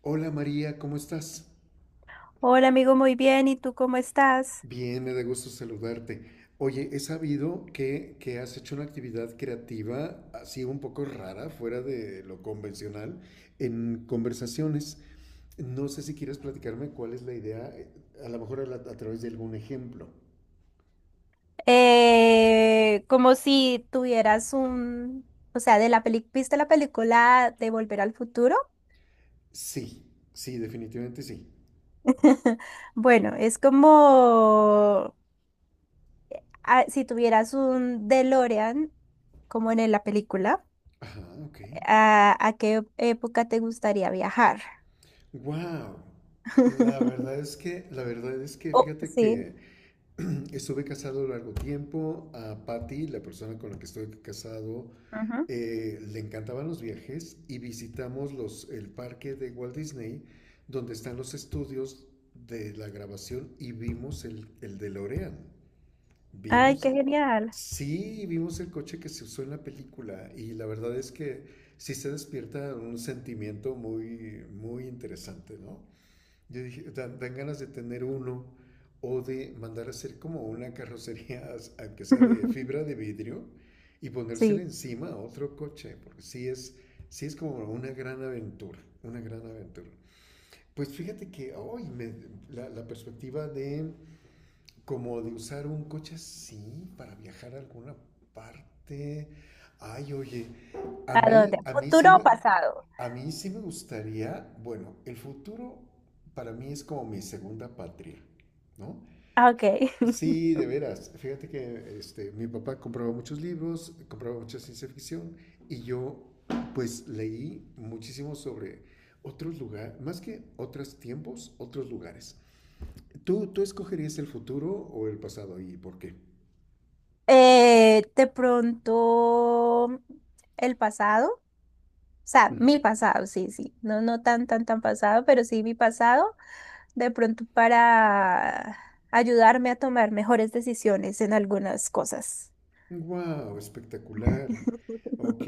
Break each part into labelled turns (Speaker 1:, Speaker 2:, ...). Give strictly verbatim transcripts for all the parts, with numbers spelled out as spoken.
Speaker 1: Hola María, ¿cómo estás?
Speaker 2: Hola amigo, muy bien. ¿Y tú cómo estás?
Speaker 1: Bien, me da gusto saludarte. Oye, he sabido que, que has hecho una actividad creativa así un poco rara, fuera de lo convencional, en conversaciones. No sé si quieres platicarme cuál es la idea, eh, a lo mejor a, la- a través de algún ejemplo.
Speaker 2: Eh, como si tuvieras un, o sea, de la peli, ¿viste la película de Volver al Futuro?
Speaker 1: Sí, sí, definitivamente sí.
Speaker 2: Bueno, es como ah, si tuvieras un DeLorean, como en la película,
Speaker 1: Ajá, ok.
Speaker 2: ¿a, a qué época te gustaría viajar?
Speaker 1: Wow. La verdad es que, la verdad es que,
Speaker 2: Oh,
Speaker 1: fíjate
Speaker 2: sí.
Speaker 1: que estuve casado largo tiempo. A Patty, la persona con la que estoy casado,
Speaker 2: Ujú.
Speaker 1: eh, le encantaban los viajes y visitamos los, el parque de Walt Disney, donde están los estudios de la grabación y vimos el, el DeLorean.
Speaker 2: Ay,
Speaker 1: Vimos,
Speaker 2: qué genial.
Speaker 1: sí, vimos el coche que se usó en la película y la verdad es que sí se despierta un sentimiento muy, muy interesante, ¿no? Yo dije, dan, dan ganas de tener uno o de mandar a hacer como una carrocería, aunque sea de fibra de vidrio, y ponérsela
Speaker 2: Sí.
Speaker 1: encima a otro coche, porque sí es, sí es como una gran aventura, una gran aventura. Pues fíjate que hoy me- la, la perspectiva de como de usar un coche así para viajar a alguna parte. Ay, oye, a
Speaker 2: ¿A dónde?
Speaker 1: mí, a mí sí
Speaker 2: ¿Futuro o
Speaker 1: me,
Speaker 2: pasado?
Speaker 1: a mí sí me gustaría, bueno, el futuro para mí es como mi segunda patria, ¿no?
Speaker 2: Ah, ok.
Speaker 1: Sí, de veras. Fíjate que este, mi papá compraba muchos libros, compraba mucha ciencia ficción y yo pues leí muchísimo sobre otros lugares, más que otros tiempos, otros lugares. ¿Tú, ¿Tú escogerías el futuro o el pasado y por qué?
Speaker 2: Eh, de pronto el pasado, o sea, mi pasado, sí, sí, no, no tan, tan, tan pasado, pero sí mi pasado, de pronto para ayudarme a tomar mejores decisiones en algunas cosas.
Speaker 1: ¡Wow! Espectacular. Ok,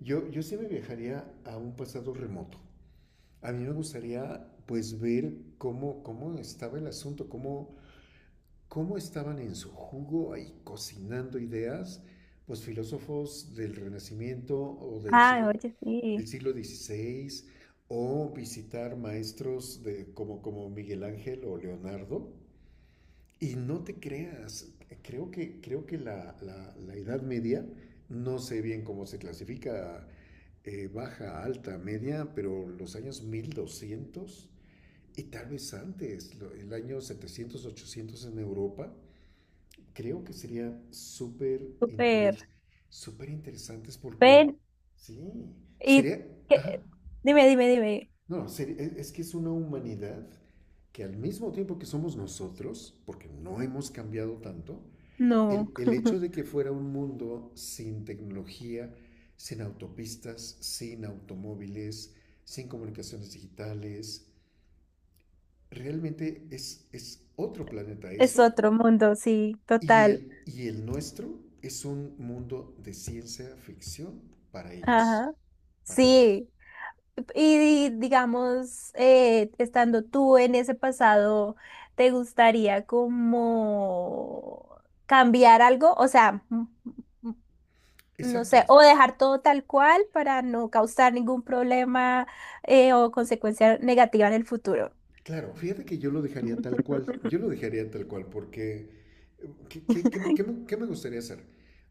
Speaker 1: yo, yo sí me viajaría a un pasado remoto. A mí me gustaría pues ver cómo, cómo estaba el asunto, cómo, cómo estaban en su jugo ahí cocinando ideas, pues filósofos del Renacimiento o del
Speaker 2: Ah,
Speaker 1: siglo,
Speaker 2: oye, sí,
Speaker 1: del siglo dieciséis, o visitar maestros de, como, como Miguel Ángel o Leonardo. Y no te creas, creo que, creo que la, la- la Edad Media, no sé bien cómo se clasifica, eh, baja, alta, media, pero los años mil doscientos y tal vez antes, lo- el año setecientos ochocientos en Europa, creo que sería súper
Speaker 2: súper.
Speaker 1: interes, súper interesantes porque,
Speaker 2: Ven,
Speaker 1: sí,
Speaker 2: ¿y
Speaker 1: sería, ajá,
Speaker 2: qué? Dime, dime, dime.
Speaker 1: no, seri- es es que es una humanidad que al mismo tiempo que somos nosotros, porque no hemos cambiado tanto,
Speaker 2: No,
Speaker 1: el, el hecho de que fuera un mundo sin tecnología, sin autopistas, sin automóviles, sin comunicaciones digitales, realmente es, es otro planeta
Speaker 2: es
Speaker 1: ese,
Speaker 2: otro mundo, sí,
Speaker 1: y
Speaker 2: total.
Speaker 1: el, y el nuestro es un mundo de ciencia ficción para ellos,
Speaker 2: Ajá.
Speaker 1: para ellos.
Speaker 2: Sí. Y, digamos, eh, estando tú en ese pasado, ¿te gustaría como cambiar algo? O sea, m- m- no
Speaker 1: Exacto.
Speaker 2: sé, o dejar todo tal cual para no causar ningún problema eh, o consecuencia negativa en el futuro.
Speaker 1: Claro, fíjate que yo lo dejaría tal cual. Yo lo dejaría tal cual porque eh, ¿qué, qué- qué me, qué me- qué me gustaría hacer?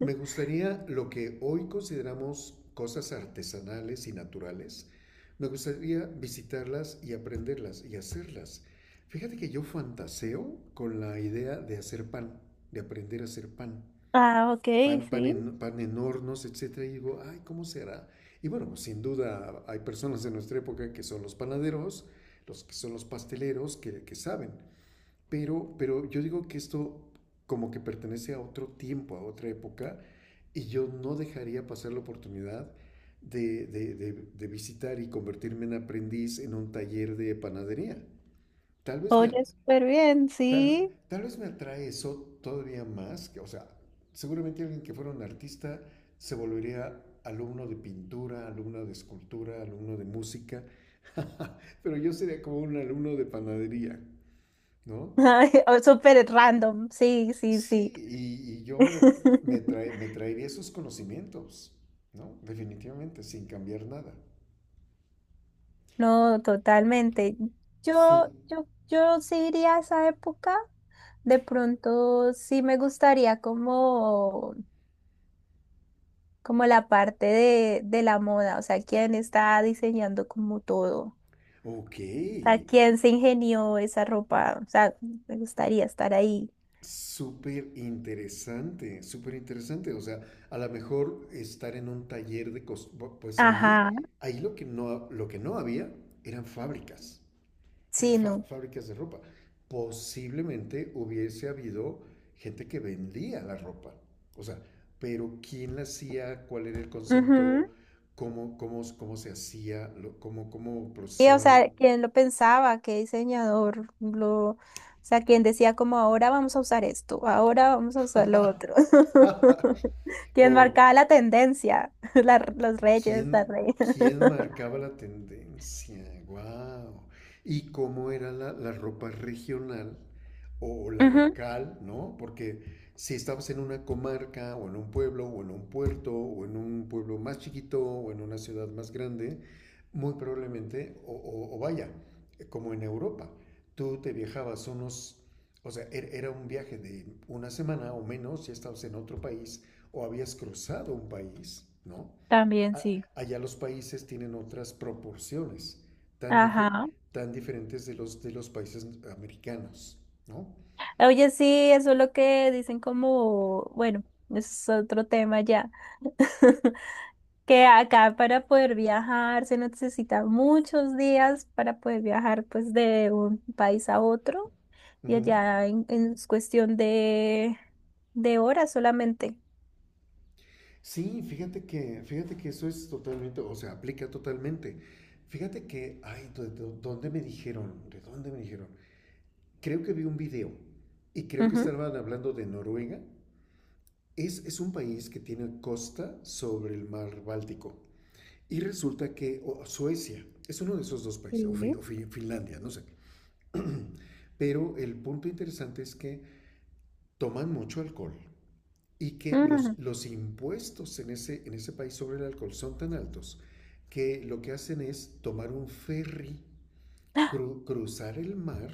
Speaker 1: Me gustaría lo que hoy consideramos cosas artesanales y naturales. Me gustaría visitarlas y aprenderlas y hacerlas. Fíjate que yo fantaseo con la idea de hacer pan, de aprender a hacer pan
Speaker 2: Ah, ok,
Speaker 1: pan, pan
Speaker 2: sí.
Speaker 1: en, pan en hornos, etcétera, y digo, ay, ¿cómo será? Y bueno, pues, sin duda hay personas de nuestra época que son los panaderos, los que son los pasteleros, que, que saben, pero, pero yo digo que esto como que pertenece a otro tiempo, a otra época, y yo no dejaría pasar la oportunidad de, de, de, de visitar y convertirme en aprendiz en un taller de panadería. Tal vez me,
Speaker 2: Oye, súper bien,
Speaker 1: Tal,
Speaker 2: sí.
Speaker 1: tal vez me atrae eso todavía más, que, o sea, seguramente alguien que fuera un artista se volvería alumno de pintura, alumno de escultura, alumno de música, pero yo sería como un alumno de panadería, ¿no?
Speaker 2: Ay, o súper random, sí, sí,
Speaker 1: Sí,
Speaker 2: sí.
Speaker 1: y, y yo me, me, trae- me traería esos conocimientos, ¿no? Definitivamente, sin cambiar nada.
Speaker 2: No, totalmente. Yo,
Speaker 1: Sí,
Speaker 2: yo, yo sí iría a esa época. De pronto sí me gustaría como, como la parte de, de la moda, o sea, quién está diseñando como todo.
Speaker 1: ok,
Speaker 2: O sea, quién se ingenió esa ropa. O sea, me gustaría estar ahí.
Speaker 1: súper interesante, súper interesante. O sea, a lo mejor estar en un taller de cos- bu- pues ahí,
Speaker 2: Ajá.
Speaker 1: ahí lo que no, lo que no había eran fábricas, eran
Speaker 2: Sí,
Speaker 1: fa-
Speaker 2: no.
Speaker 1: fábricas de ropa. Posiblemente hubiese habido gente que vendía la ropa. O sea, pero ¿quién la hacía? ¿Cuál era el
Speaker 2: Ujú.
Speaker 1: concepto? ¿Cómo, cómo, cómo se hacía? Lo- ¿Cómo, cómo
Speaker 2: Y, o
Speaker 1: procesaban?
Speaker 2: sea,
Speaker 1: lo-
Speaker 2: ¿quién lo pensaba? ¿Qué diseñador? Lo, o sea, ¿quién decía como ahora vamos a usar esto, ahora vamos a usar lo otro? ¿Quién
Speaker 1: Ok,
Speaker 2: marcaba la tendencia? La- los reyes,
Speaker 1: ¿Quién,
Speaker 2: la reina.
Speaker 1: quién marcaba la tendencia? ¡Wow! Y cómo era la, la ropa regional o la
Speaker 2: Ujú,
Speaker 1: local, ¿no? Porque si estabas en una comarca o en un pueblo o en un puerto o en un pueblo más chiquito o en una ciudad más grande, muy probablemente, o, o- o vaya, como en Europa, tú te viajabas unos, o sea, er- era un viaje de una semana o menos, ya estabas en otro país o habías cruzado un país, ¿no?
Speaker 2: también
Speaker 1: a-
Speaker 2: sí.
Speaker 1: Allá los países tienen otras proporciones tan, dife-
Speaker 2: Ajá.
Speaker 1: tan diferentes de los, de los países americanos, ¿no?
Speaker 2: Oye, sí, eso es lo que dicen como, bueno, es otro tema ya. Que acá para poder viajar se necesita muchos días para poder viajar pues de un país a otro. Y
Speaker 1: Ujú.
Speaker 2: allá en, en es cuestión de, de horas solamente.
Speaker 1: Sí, fíjate que, fíjate que eso es totalmente, o sea, aplica totalmente. Fíjate que, ay, ¿de de- dónde me dijeron? ¿De dónde me dijeron? Creo que vi un video y creo que
Speaker 2: Ujú.
Speaker 1: estaban hablando de Noruega. Es, es un país que tiene costa sobre el mar Báltico. Y resulta que o Suecia es uno de esos dos países, o, Fi-
Speaker 2: Sí.
Speaker 1: o Fi- Finlandia, no sé. Pero el punto interesante es que toman mucho alcohol y que los,
Speaker 2: Mm.
Speaker 1: los impuestos en ese, en ese país sobre el alcohol son tan altos que lo que hacen es tomar un ferry, cru- cruzar el mar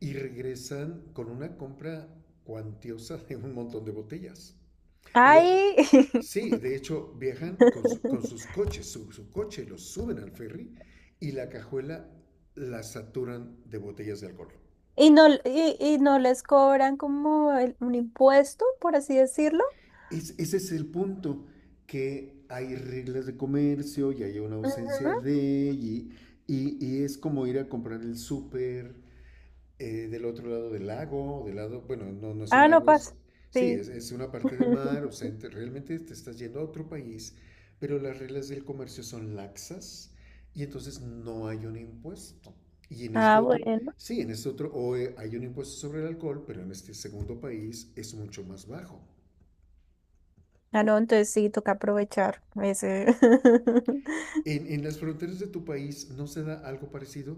Speaker 1: y regresan con una compra cuantiosa de un montón de botellas. Lo-
Speaker 2: Ay,
Speaker 1: sí, de hecho viajan con, su- con sus coches, su, su coche los suben al ferry y la cajuela la saturan de botellas de alcohol.
Speaker 2: y no, y, y no les cobran como el- un impuesto, por así decirlo.
Speaker 1: Es, ese es el punto, que hay reglas de comercio y hay una
Speaker 2: Ujú.
Speaker 1: ausencia de… Y, y, y es como ir a comprar el súper eh, del otro lado del lago, del lado, bueno, no, no es un
Speaker 2: Ah, no
Speaker 1: lago, es,
Speaker 2: pasa.
Speaker 1: sí,
Speaker 2: Sí.
Speaker 1: es, es una parte de mar, o sea, ente- realmente te estás yendo a otro país, pero las reglas del comercio son laxas y entonces no hay un impuesto. Y en este
Speaker 2: Ah,
Speaker 1: otro,
Speaker 2: bueno.
Speaker 1: sí, en este otro, o eh, hay un impuesto sobre el alcohol, pero en este segundo país es mucho más bajo.
Speaker 2: Ah, no, entonces sí, toca aprovechar ese.
Speaker 1: ¿En, en las fronteras de tu país no se da algo parecido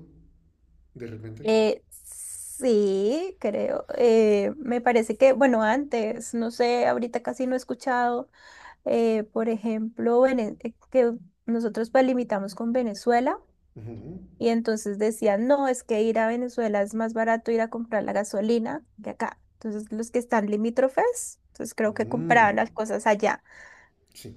Speaker 1: de repente?
Speaker 2: Eh, sí, creo. Eh, me parece que, bueno, antes, no sé, ahorita casi no he escuchado. eh, por ejemplo, Vene- eh, que nosotros pues limitamos con Venezuela
Speaker 1: Ujú.
Speaker 2: y entonces decían, no, es que ir a Venezuela es más barato ir a comprar la gasolina que acá. Entonces los que están limítrofes, entonces creo que compraban
Speaker 1: Mm,
Speaker 2: las cosas allá.
Speaker 1: sí.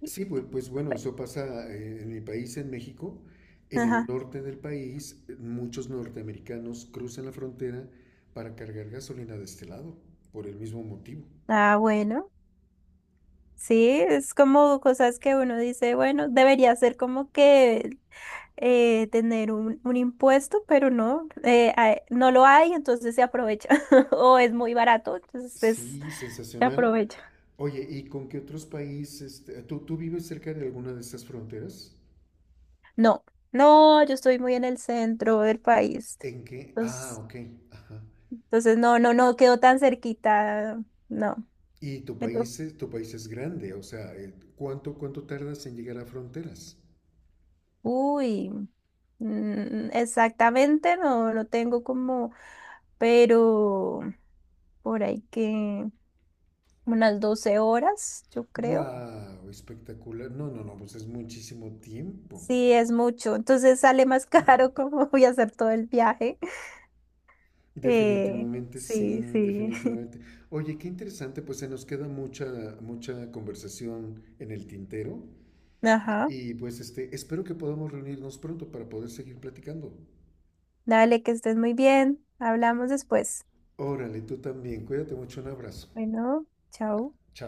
Speaker 2: Y-
Speaker 1: Sí, pues,
Speaker 2: y-
Speaker 1: pues bueno, eso pasa eh, en mi país, en México. En el
Speaker 2: Ajá.
Speaker 1: norte del país, eh, muchos norteamericanos cruzan la frontera para cargar gasolina de este lado, por el mismo motivo.
Speaker 2: Ah, bueno. Sí, es como cosas que uno dice, bueno, debería ser como que eh, tener un, un impuesto, pero no, eh, ah, no lo hay, entonces se aprovecha o es muy barato, entonces es
Speaker 1: Sí, sensacional.
Speaker 2: aprovecha.
Speaker 1: Oye, ¿y con qué otros países? Este, ¿tú, tú vives cerca de alguna de estas fronteras?
Speaker 2: No, no, yo estoy muy en el centro del país.
Speaker 1: ¿En qué? Ah,
Speaker 2: Entonces,
Speaker 1: ok. Ajá.
Speaker 2: entonces no, no, no quedó tan cerquita. No.
Speaker 1: Y tu
Speaker 2: Me to-
Speaker 1: país, es- tu país es grande, o sea, eh, ¿cuánto, cuánto tardas en llegar a fronteras?
Speaker 2: Uy, mm, exactamente, no, no tengo como, pero por ahí que unas doce horas, yo creo.
Speaker 1: ¡Wow! Espectacular. No, no, no, pues es muchísimo tiempo.
Speaker 2: Sí, es mucho. Entonces sale más caro como voy a hacer todo el viaje. Eh,
Speaker 1: Definitivamente sí,
Speaker 2: sí, sí.
Speaker 1: definitivamente. Oye, qué interesante, pues se nos queda mucha, mucha conversación en el tintero.
Speaker 2: Ajá.
Speaker 1: Y pues este, espero que podamos reunirnos pronto para poder seguir platicando.
Speaker 2: Dale, que estés muy bien. Hablamos después.
Speaker 1: Órale, tú también. Cuídate mucho, un abrazo.
Speaker 2: Bueno, chao.
Speaker 1: Chao.